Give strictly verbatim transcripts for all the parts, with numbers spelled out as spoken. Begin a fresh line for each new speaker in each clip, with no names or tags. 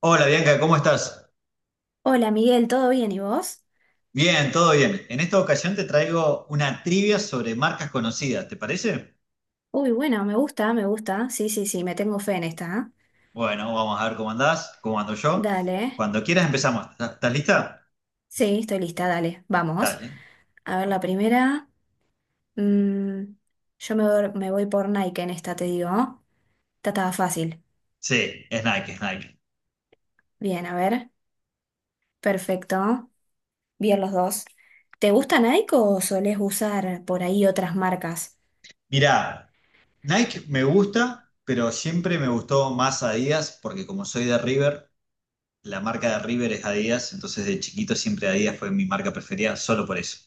Hola Bianca, ¿cómo estás?
Hola Miguel, ¿todo bien y vos?
Bien, todo bien. En esta ocasión te traigo una trivia sobre marcas conocidas, ¿te parece?
Uy, bueno, me gusta, me gusta. Sí, sí, sí, me tengo fe en esta. ¿Eh?
Bueno, vamos a ver cómo andás, cómo ando yo.
Dale.
Cuando quieras empezamos. ¿Estás estás lista?
Sí, estoy lista, dale. Vamos.
Dale.
A ver, la primera. mm, yo me, voy- Me voy por Nike en esta, te digo. Esta estaba fácil.
Sí, es Nike, es Nike.
Bien, a ver. Perfecto. Bien los dos. ¿Te gusta Nike o solés usar por ahí otras marcas?
Mirá, Nike me gusta, pero siempre me gustó más Adidas porque como soy de River, la marca de River es Adidas, entonces de chiquito siempre Adidas fue mi marca preferida, solo por eso.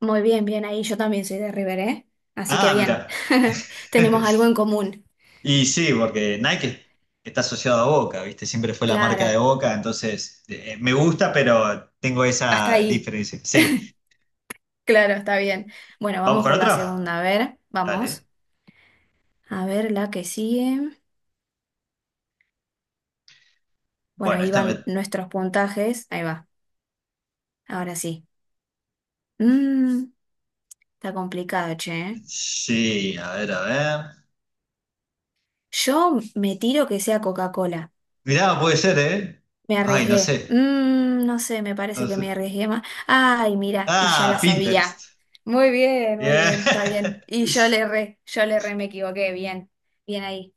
Muy bien, bien ahí. Yo también soy de River, ¿eh? Así que
Ah,
bien.
mirá.
Tenemos algo en común.
Y sí, porque Nike está asociado a Boca, ¿viste? Siempre fue la marca de
Claro.
Boca, entonces eh, me gusta, pero tengo
Hasta
esa
ahí.
diferencia. Sí,
Claro, está bien. Bueno,
¿vamos
vamos
con
con la
otra?
segunda. A ver, vamos.
Dale.
A ver la que sigue. Bueno,
Bueno,
ahí
esta me...
van nuestros puntajes. Ahí va. Ahora sí. Mm, Está complicado, che. ¿Eh?
Sí, a ver, a ver.
Yo me tiro que sea Coca-Cola.
Mirá, puede ser, ¿eh?
Me
Ay, no
arriesgué.
sé.
Mm, no sé, me
No
parece que
sé.
me arriesgué más. Ay, mira, y ya
Ah,
la sabía.
Pinterest.
Muy bien, muy
Bien.
bien, está bien. Y yo le erré, yo le erré, me equivoqué. Bien, bien ahí.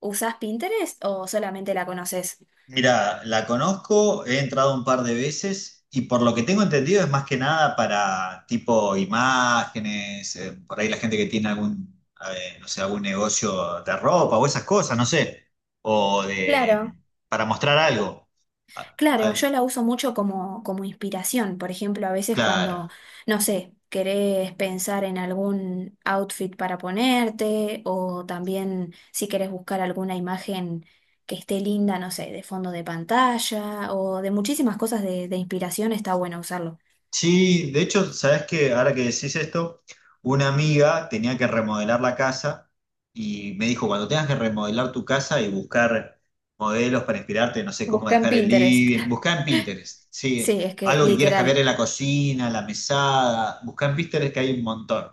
¿Usás Pinterest o solamente la conoces?
Mira, la conozco, he entrado un par de veces y por lo que tengo entendido es más que nada para tipo imágenes, eh, por ahí la gente que tiene algún, eh, no sé, algún negocio de ropa o esas cosas, no sé, o de
Claro.
para mostrar algo. A-
Claro,
a-
yo la uso mucho como, como, inspiración. Por ejemplo, a veces
claro.
cuando, no sé, querés pensar en algún outfit para ponerte o también si querés buscar alguna imagen que esté linda, no sé, de fondo de pantalla o de muchísimas cosas de, de inspiración, está bueno usarlo.
Sí, de hecho, sabes que ahora que decís esto, una amiga tenía que remodelar la casa y me dijo, cuando tengas que remodelar tu casa y buscar modelos para inspirarte, no sé cómo
Busca en
dejar el
Pinterest.
living, buscá en Pinterest, sí,
Sí, es que
algo que quieras cambiar
literal,
en la cocina, la mesada, buscá en Pinterest que hay un montón.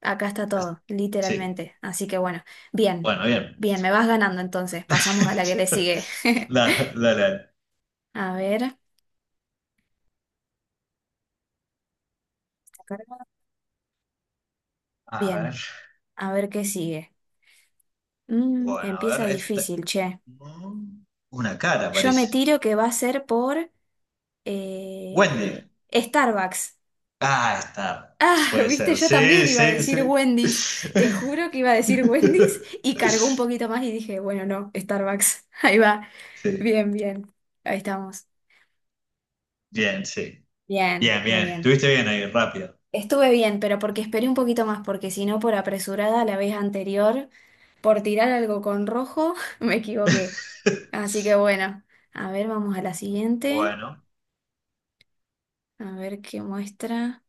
acá está
As-
todo,
Sí,
literalmente. Así que bueno, bien,
bueno, bien.
bien, me vas ganando entonces. Pasamos a la que le sigue.
Dale, dale, dale.
A ver,
A ver,
bien. A ver qué sigue. Mm,
bueno, a
empieza
ver, esta-
difícil, che.
mm, una cara
Yo me
parece.
tiro que va a ser por
Wendy.
eh, Starbucks.
Ah, está.
Ah,
Puede
viste,
ser.
yo
Sí,
también iba a
sí,
decir
sí.
Wendy's. Te juro que iba a decir Wendy's y cargó un poquito más y dije, bueno, no, Starbucks. Ahí va.
Sí.
Bien, bien. Ahí estamos.
Bien, sí.
Bien,
Bien,
muy
bien.
bien.
Estuviste bien ahí, rápido.
Estuve bien, pero porque esperé un poquito más, porque si no, por apresurada la vez anterior, por tirar algo con rojo, me equivoqué. Así que bueno, a ver, vamos a la siguiente.
Bueno.
A ver qué muestra.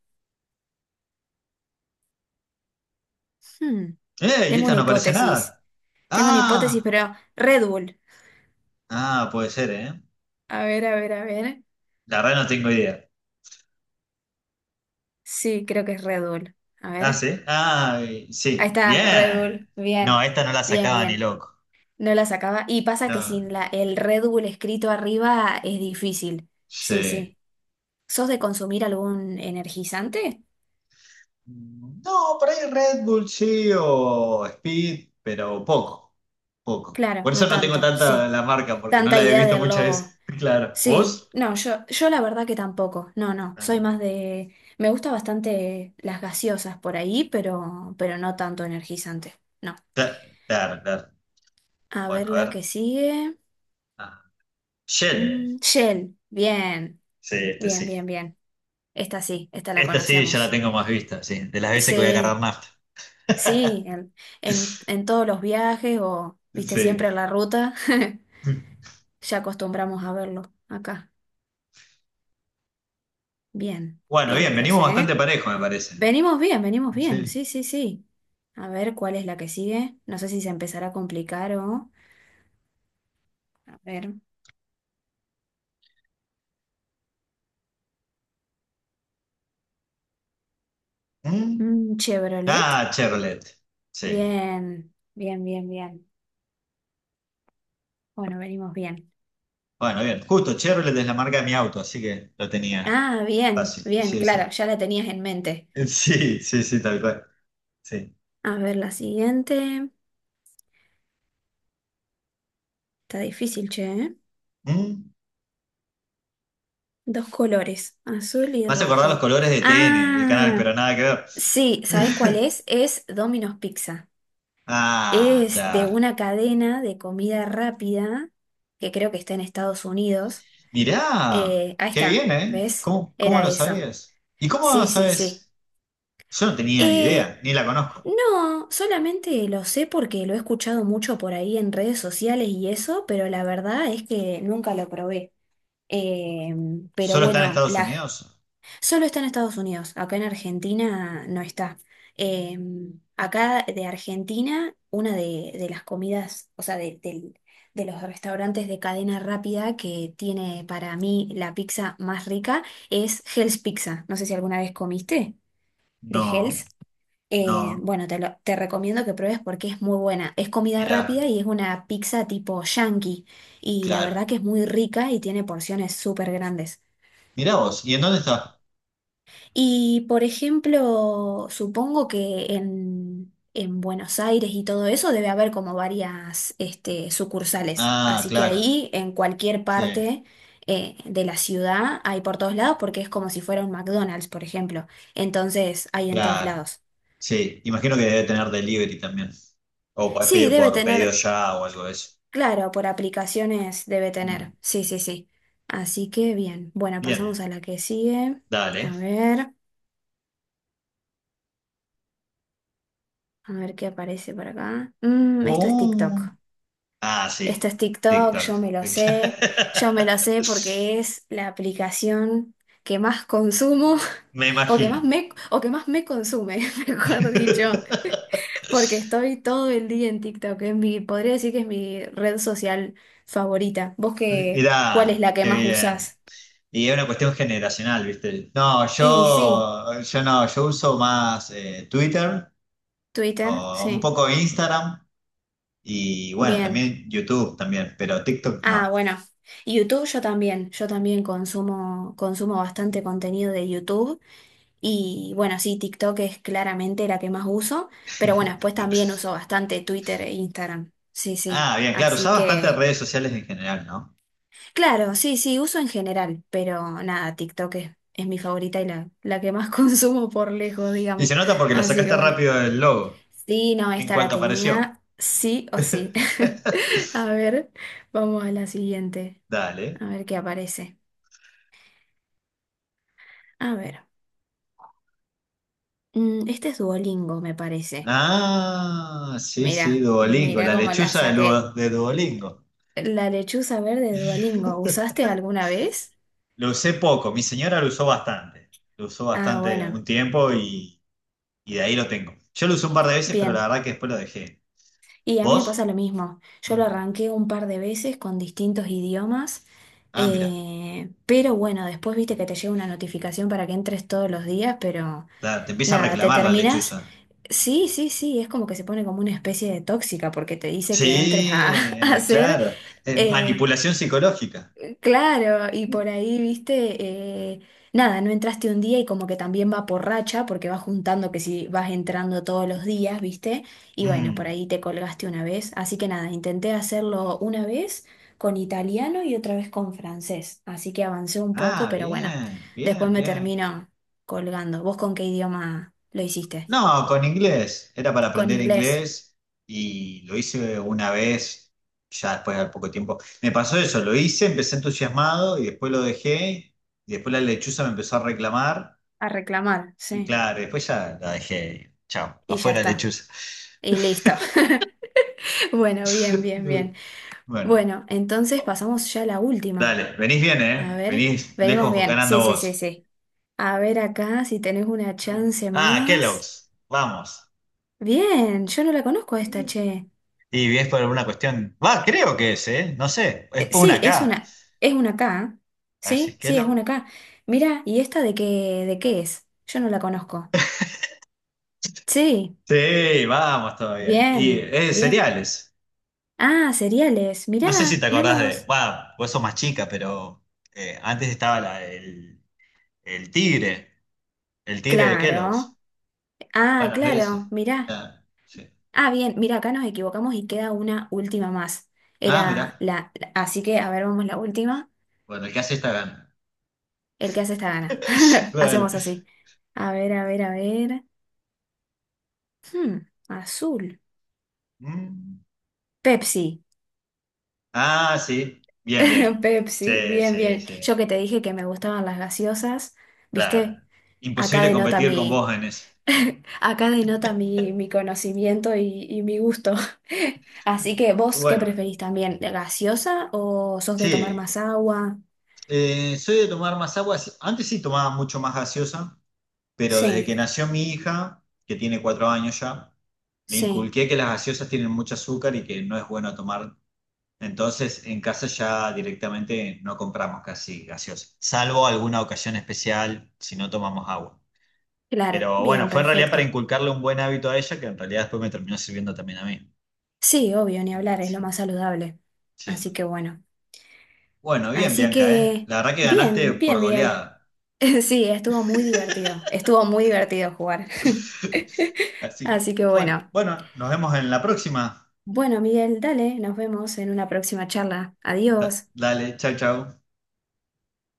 Hmm,
¡Eh! ¿Y
Tengo
esta
una
no aparece
hipótesis.
nada?
Tengo una hipótesis,
Ah,
pero Red Bull.
ah, puede ser, ¿eh?
A ver, a ver, a ver.
La verdad no tengo idea.
Sí, creo que es Red Bull. A
Ah,
ver.
sí. Ah,
Ahí
sí.
está, Red
Bien.
Bull.
No,
Bien,
esta no la
bien,
sacaba ni
bien.
loco.
No la sacaba. Y pasa que
No,
sin la, el Red Bull escrito arriba es difícil. Sí,
sí.
sí. ¿Sos de consumir algún energizante?
No, por ahí Red Bull sí o Speed, pero poco. Poco.
Claro,
Por eso
no
no tengo
tanto,
tanta
sí.
la marca, porque no
Tanta
la he
idea
visto
del
muchas veces.
logo.
Claro.
Sí,
¿Vos?
no, yo, yo la verdad que tampoco. No, no,
Ah,
soy más de. Me gusta bastante las gaseosas por ahí, pero, pero no tanto energizante. No.
cla- claro, claro.
A
Bueno,
ver
a
la
ver.
que sigue.
Ah, Shell.
Mm, Shell, bien,
Sí, este
bien,
sí.
bien, bien. Esta sí, esta la
Esta sí ya la
conocemos.
tengo más vista, sí. De las veces que voy a cargar
Sí,
nafta.
sí, en, en, en todos los viajes o, viste, siempre en
Sí.
la ruta, ya acostumbramos a verlo acá. Bien,
Bueno,
bien
bien,
los
venimos
doce,
bastante
¿eh?
parejo, me parece.
Venimos bien, venimos bien,
Sí.
sí, sí, sí. A ver cuál es la que sigue. No sé si se empezará a complicar o. A ver.
¿Mm?
mm, Chevrolet.
Ah, Chevrolet. Sí.
Bien, bien, bien, bien. Bueno, venimos bien.
Bueno, bien. Justo, Chevrolet es la marca de mi auto, así que lo tenía
Ah, bien,
fácil.
bien,
Sí,
claro,
sí.
ya la tenías en mente.
Sí, sí, sí, tal cual. Sí.
A ver, la siguiente. Está difícil, che, ¿eh?
Mm.
Dos colores, azul y
Me hace acordar los
rojo.
colores de T N el canal,
Ah,
pero nada que ver.
sí, ¿sabes cuál es? Es Domino's Pizza.
Ah,
Es de
ya.
una cadena de comida rápida que creo que está en Estados Unidos.
Mirá,
Eh, ahí
qué
está,
bien, ¿eh?
¿ves?
¿Cómo, cómo
Era
lo
eso.
sabías? ¿Y cómo lo
Sí, sí, sí.
sabes? Yo no tenía ni
Eh,
idea, ni la conozco.
no, solamente lo sé porque lo he escuchado mucho por ahí en redes sociales y eso, pero la verdad es que nunca lo probé. Eh, pero
¿Solo está en
bueno,
Estados
la,
Unidos?
Solo está en Estados Unidos, acá en Argentina no está. Eh, Acá de Argentina, una de, de las comidas, o sea, de, del- de los restaurantes de cadena rápida que tiene para mí la pizza más rica es Hell's Pizza. No sé si alguna vez comiste de
No,
Hell's. Eh,
no.
bueno, te, lo- te recomiendo que pruebes porque es muy buena. Es comida rápida
Mirá,
y es una pizza tipo yankee. Y la
claro.
verdad que es muy rica y tiene porciones súper grandes.
Mirá vos, ¿y en dónde está?
Y por ejemplo, supongo que en, en Buenos Aires y todo eso debe haber como varias este, sucursales.
Ah,
Así que
claro.
ahí, en cualquier
Sí,
parte eh, de la ciudad, hay por todos lados porque es como si fuera un McDonald's, por ejemplo. Entonces, hay en todos
claro.
lados.
Sí, imagino que debe tener delivery también. O podés
Sí,
pedir
debe
por pedido
tener,
ya o algo de eso.
claro, por aplicaciones debe
Mm,
tener. Sí, sí, sí. Así que bien. Bueno, pasamos
bien,
a la que sigue.
dale.
A ver, a ver qué aparece por acá. Mm, esto es TikTok.
Oh, ah,
Esto
sí,
es TikTok,
TikTok.
yo me lo sé, yo me lo sé porque es la aplicación que más consumo
Me
o que
imagino.
más me, o que más me, consume, mejor dicho, porque estoy todo el día en TikTok, es mi, podría decir que es mi red social favorita. ¿Vos qué, cuál es
Mirá,
la que
qué
más
bien.
usás?
Y es una cuestión generacional, ¿viste? No,
Y sí,
yo, yo no, yo uso más eh, Twitter
Twitter,
o un
sí,
poco Instagram y bueno,
bien.
también YouTube también, pero TikTok
Ah,
no.
bueno, YouTube yo también, yo también consumo, consumo bastante contenido de YouTube. Y bueno, sí, TikTok es claramente la que más uso, pero bueno, después también uso bastante Twitter e Instagram. Sí, sí.
Ah, bien, claro,
Así
usás bastantes
que,
redes sociales en general, ¿no?
claro, sí, sí, uso en general, pero nada, TikTok es, es mi favorita y la, la que más consumo por lejos,
Y
digamos.
se nota porque la
Así que
sacaste
bueno,
rápido del logo,
sí, no,
en
esta la
cuanto apareció.
tenía, sí o sí. A ver, vamos a la siguiente,
Dale.
a ver qué aparece. A ver, mm, este es Duolingo, me parece.
Ah, sí, sí,
Mira,
Duolingo,
mira
la
cómo la
lechuza de,
saqué.
Lu- de Duolingo.
La lechuza verde de Duolingo, ¿usaste alguna vez?
Lo usé poco, mi señora lo usó bastante. Lo usó
Ah,
bastante un
bueno,
tiempo y, y de ahí lo tengo. Yo lo usé un par de veces, pero la
bien.
verdad que después lo dejé.
Y a mí me pasa
¿Vos?
lo mismo. Yo lo
Mm.
arranqué un par de veces con distintos idiomas,
Ah, mira,
eh, pero bueno, después viste que te llega una notificación para que entres todos los días, pero
la- te empieza a
nada, te
reclamar la
terminas.
lechuza.
Sí, sí, sí, es como que se pone como una especie de tóxica porque te dice que entres a,
Sí,
a
eh,
hacer.
claro. Es
eh,
manipulación psicológica.
Claro, y por ahí, viste, eh, nada, no entraste un día y como que también va por racha, porque vas juntando que si vas entrando todos los días, viste, y bueno, por
Mm.
ahí te colgaste una vez. Así que nada, intenté hacerlo una vez con italiano y otra vez con francés. Así que avancé un poco,
Ah,
pero bueno,
bien,
después
bien,
me
bien.
termino colgando. ¿Vos con qué idioma lo hiciste?
No, con inglés. Era para
Con
aprender
inglés,
inglés y lo hice una vez, ya después de poco tiempo. Me pasó eso, lo hice, empecé entusiasmado y después lo dejé. Y después la lechuza me empezó a reclamar.
a reclamar,
Y
sí,
claro, después ya la dejé. Chao,
y ya
afuera
está,
lechuza.
y listo. Bueno, bien, bien, bien.
Bueno,
Bueno, entonces pasamos ya a la última.
dale, venís bien,
A
¿eh?
ver,
Venís
venimos
lejos
bien. Sí,
ganando
sí, sí,
vos.
sí. A ver acá si tenés una
Mm.
chance
Ah,
más.
Kellogg's, vamos.
Bien, yo no la conozco a esta, che.
Y es por alguna cuestión. Va, creo que es, ¿eh? No sé, es
Eh,
por
sí,
una
es
K.
una, es una acá. ¿Eh?
A ver si es
Sí, sí, es una
Kellogg.
acá. Mira, ¿y esta de qué, de qué es? Yo no la conozco. Sí,
Sí, vamos todavía. Y
bien,
eh,
bien.
cereales.
Ah, cereales.
No sé si
Mirá,
te
no
acordás de.
los.
Va, vos sos más chica, pero eh, antes estaba la- el, el tigre. El tigre de
Claro.
Kellogg's.
Ah,
Bueno, es
claro,
ese.
mirá.
Ah, sí.
Ah, bien, mira, acá nos equivocamos y queda una última más.
Ah,
Era
mirá.
la, la- así que, a ver, vamos la última.
Bueno, el que hace esta gana.
El que hace esta gana.
Vale.
Hacemos así. A ver, a ver, a ver. Hmm, azul.
Mm.
Pepsi.
Ah, sí. Bien, bien.
Pepsi,
Sí,
bien,
sí,
bien.
sí.
Yo que te dije que me gustaban las gaseosas,
Claro.
¿viste? Acá
Imposible
denota
competir con
mi,
vos en eso.
Acá denota mi, mi conocimiento y, y mi gusto. Así que, ¿vos qué
Bueno,
preferís también? ¿Gaseosa o sos de tomar
sí.
más agua?
Eh, soy de tomar más agua. Antes sí tomaba mucho más gaseosa, pero desde que
Sí,
nació mi hija, que tiene cuatro años ya, le
sí.
inculqué que las gaseosas tienen mucho azúcar y que no es bueno tomar. Entonces, en casa ya directamente no compramos casi gaseosas, salvo alguna ocasión especial si no tomamos agua.
Claro,
Pero bueno,
bien,
fue en realidad para
perfecto.
inculcarle un buen hábito a ella, que en realidad después me terminó sirviendo también a mí.
Sí, obvio, ni
Mm,
hablar, es lo
sí,
más saludable.
sí.
Así que bueno.
Bueno, bien,
Así
Bianca, ¿eh?
que,
La verdad que ganaste
bien,
por
bien, Miguel.
goleada.
Sí, estuvo muy divertido. Estuvo muy divertido jugar.
Así que,
Así que
bueno,
bueno.
bueno, nos vemos en la próxima.
Bueno, Miguel, dale, nos vemos en una próxima charla.
Da-
Adiós.
dale, chau, chau.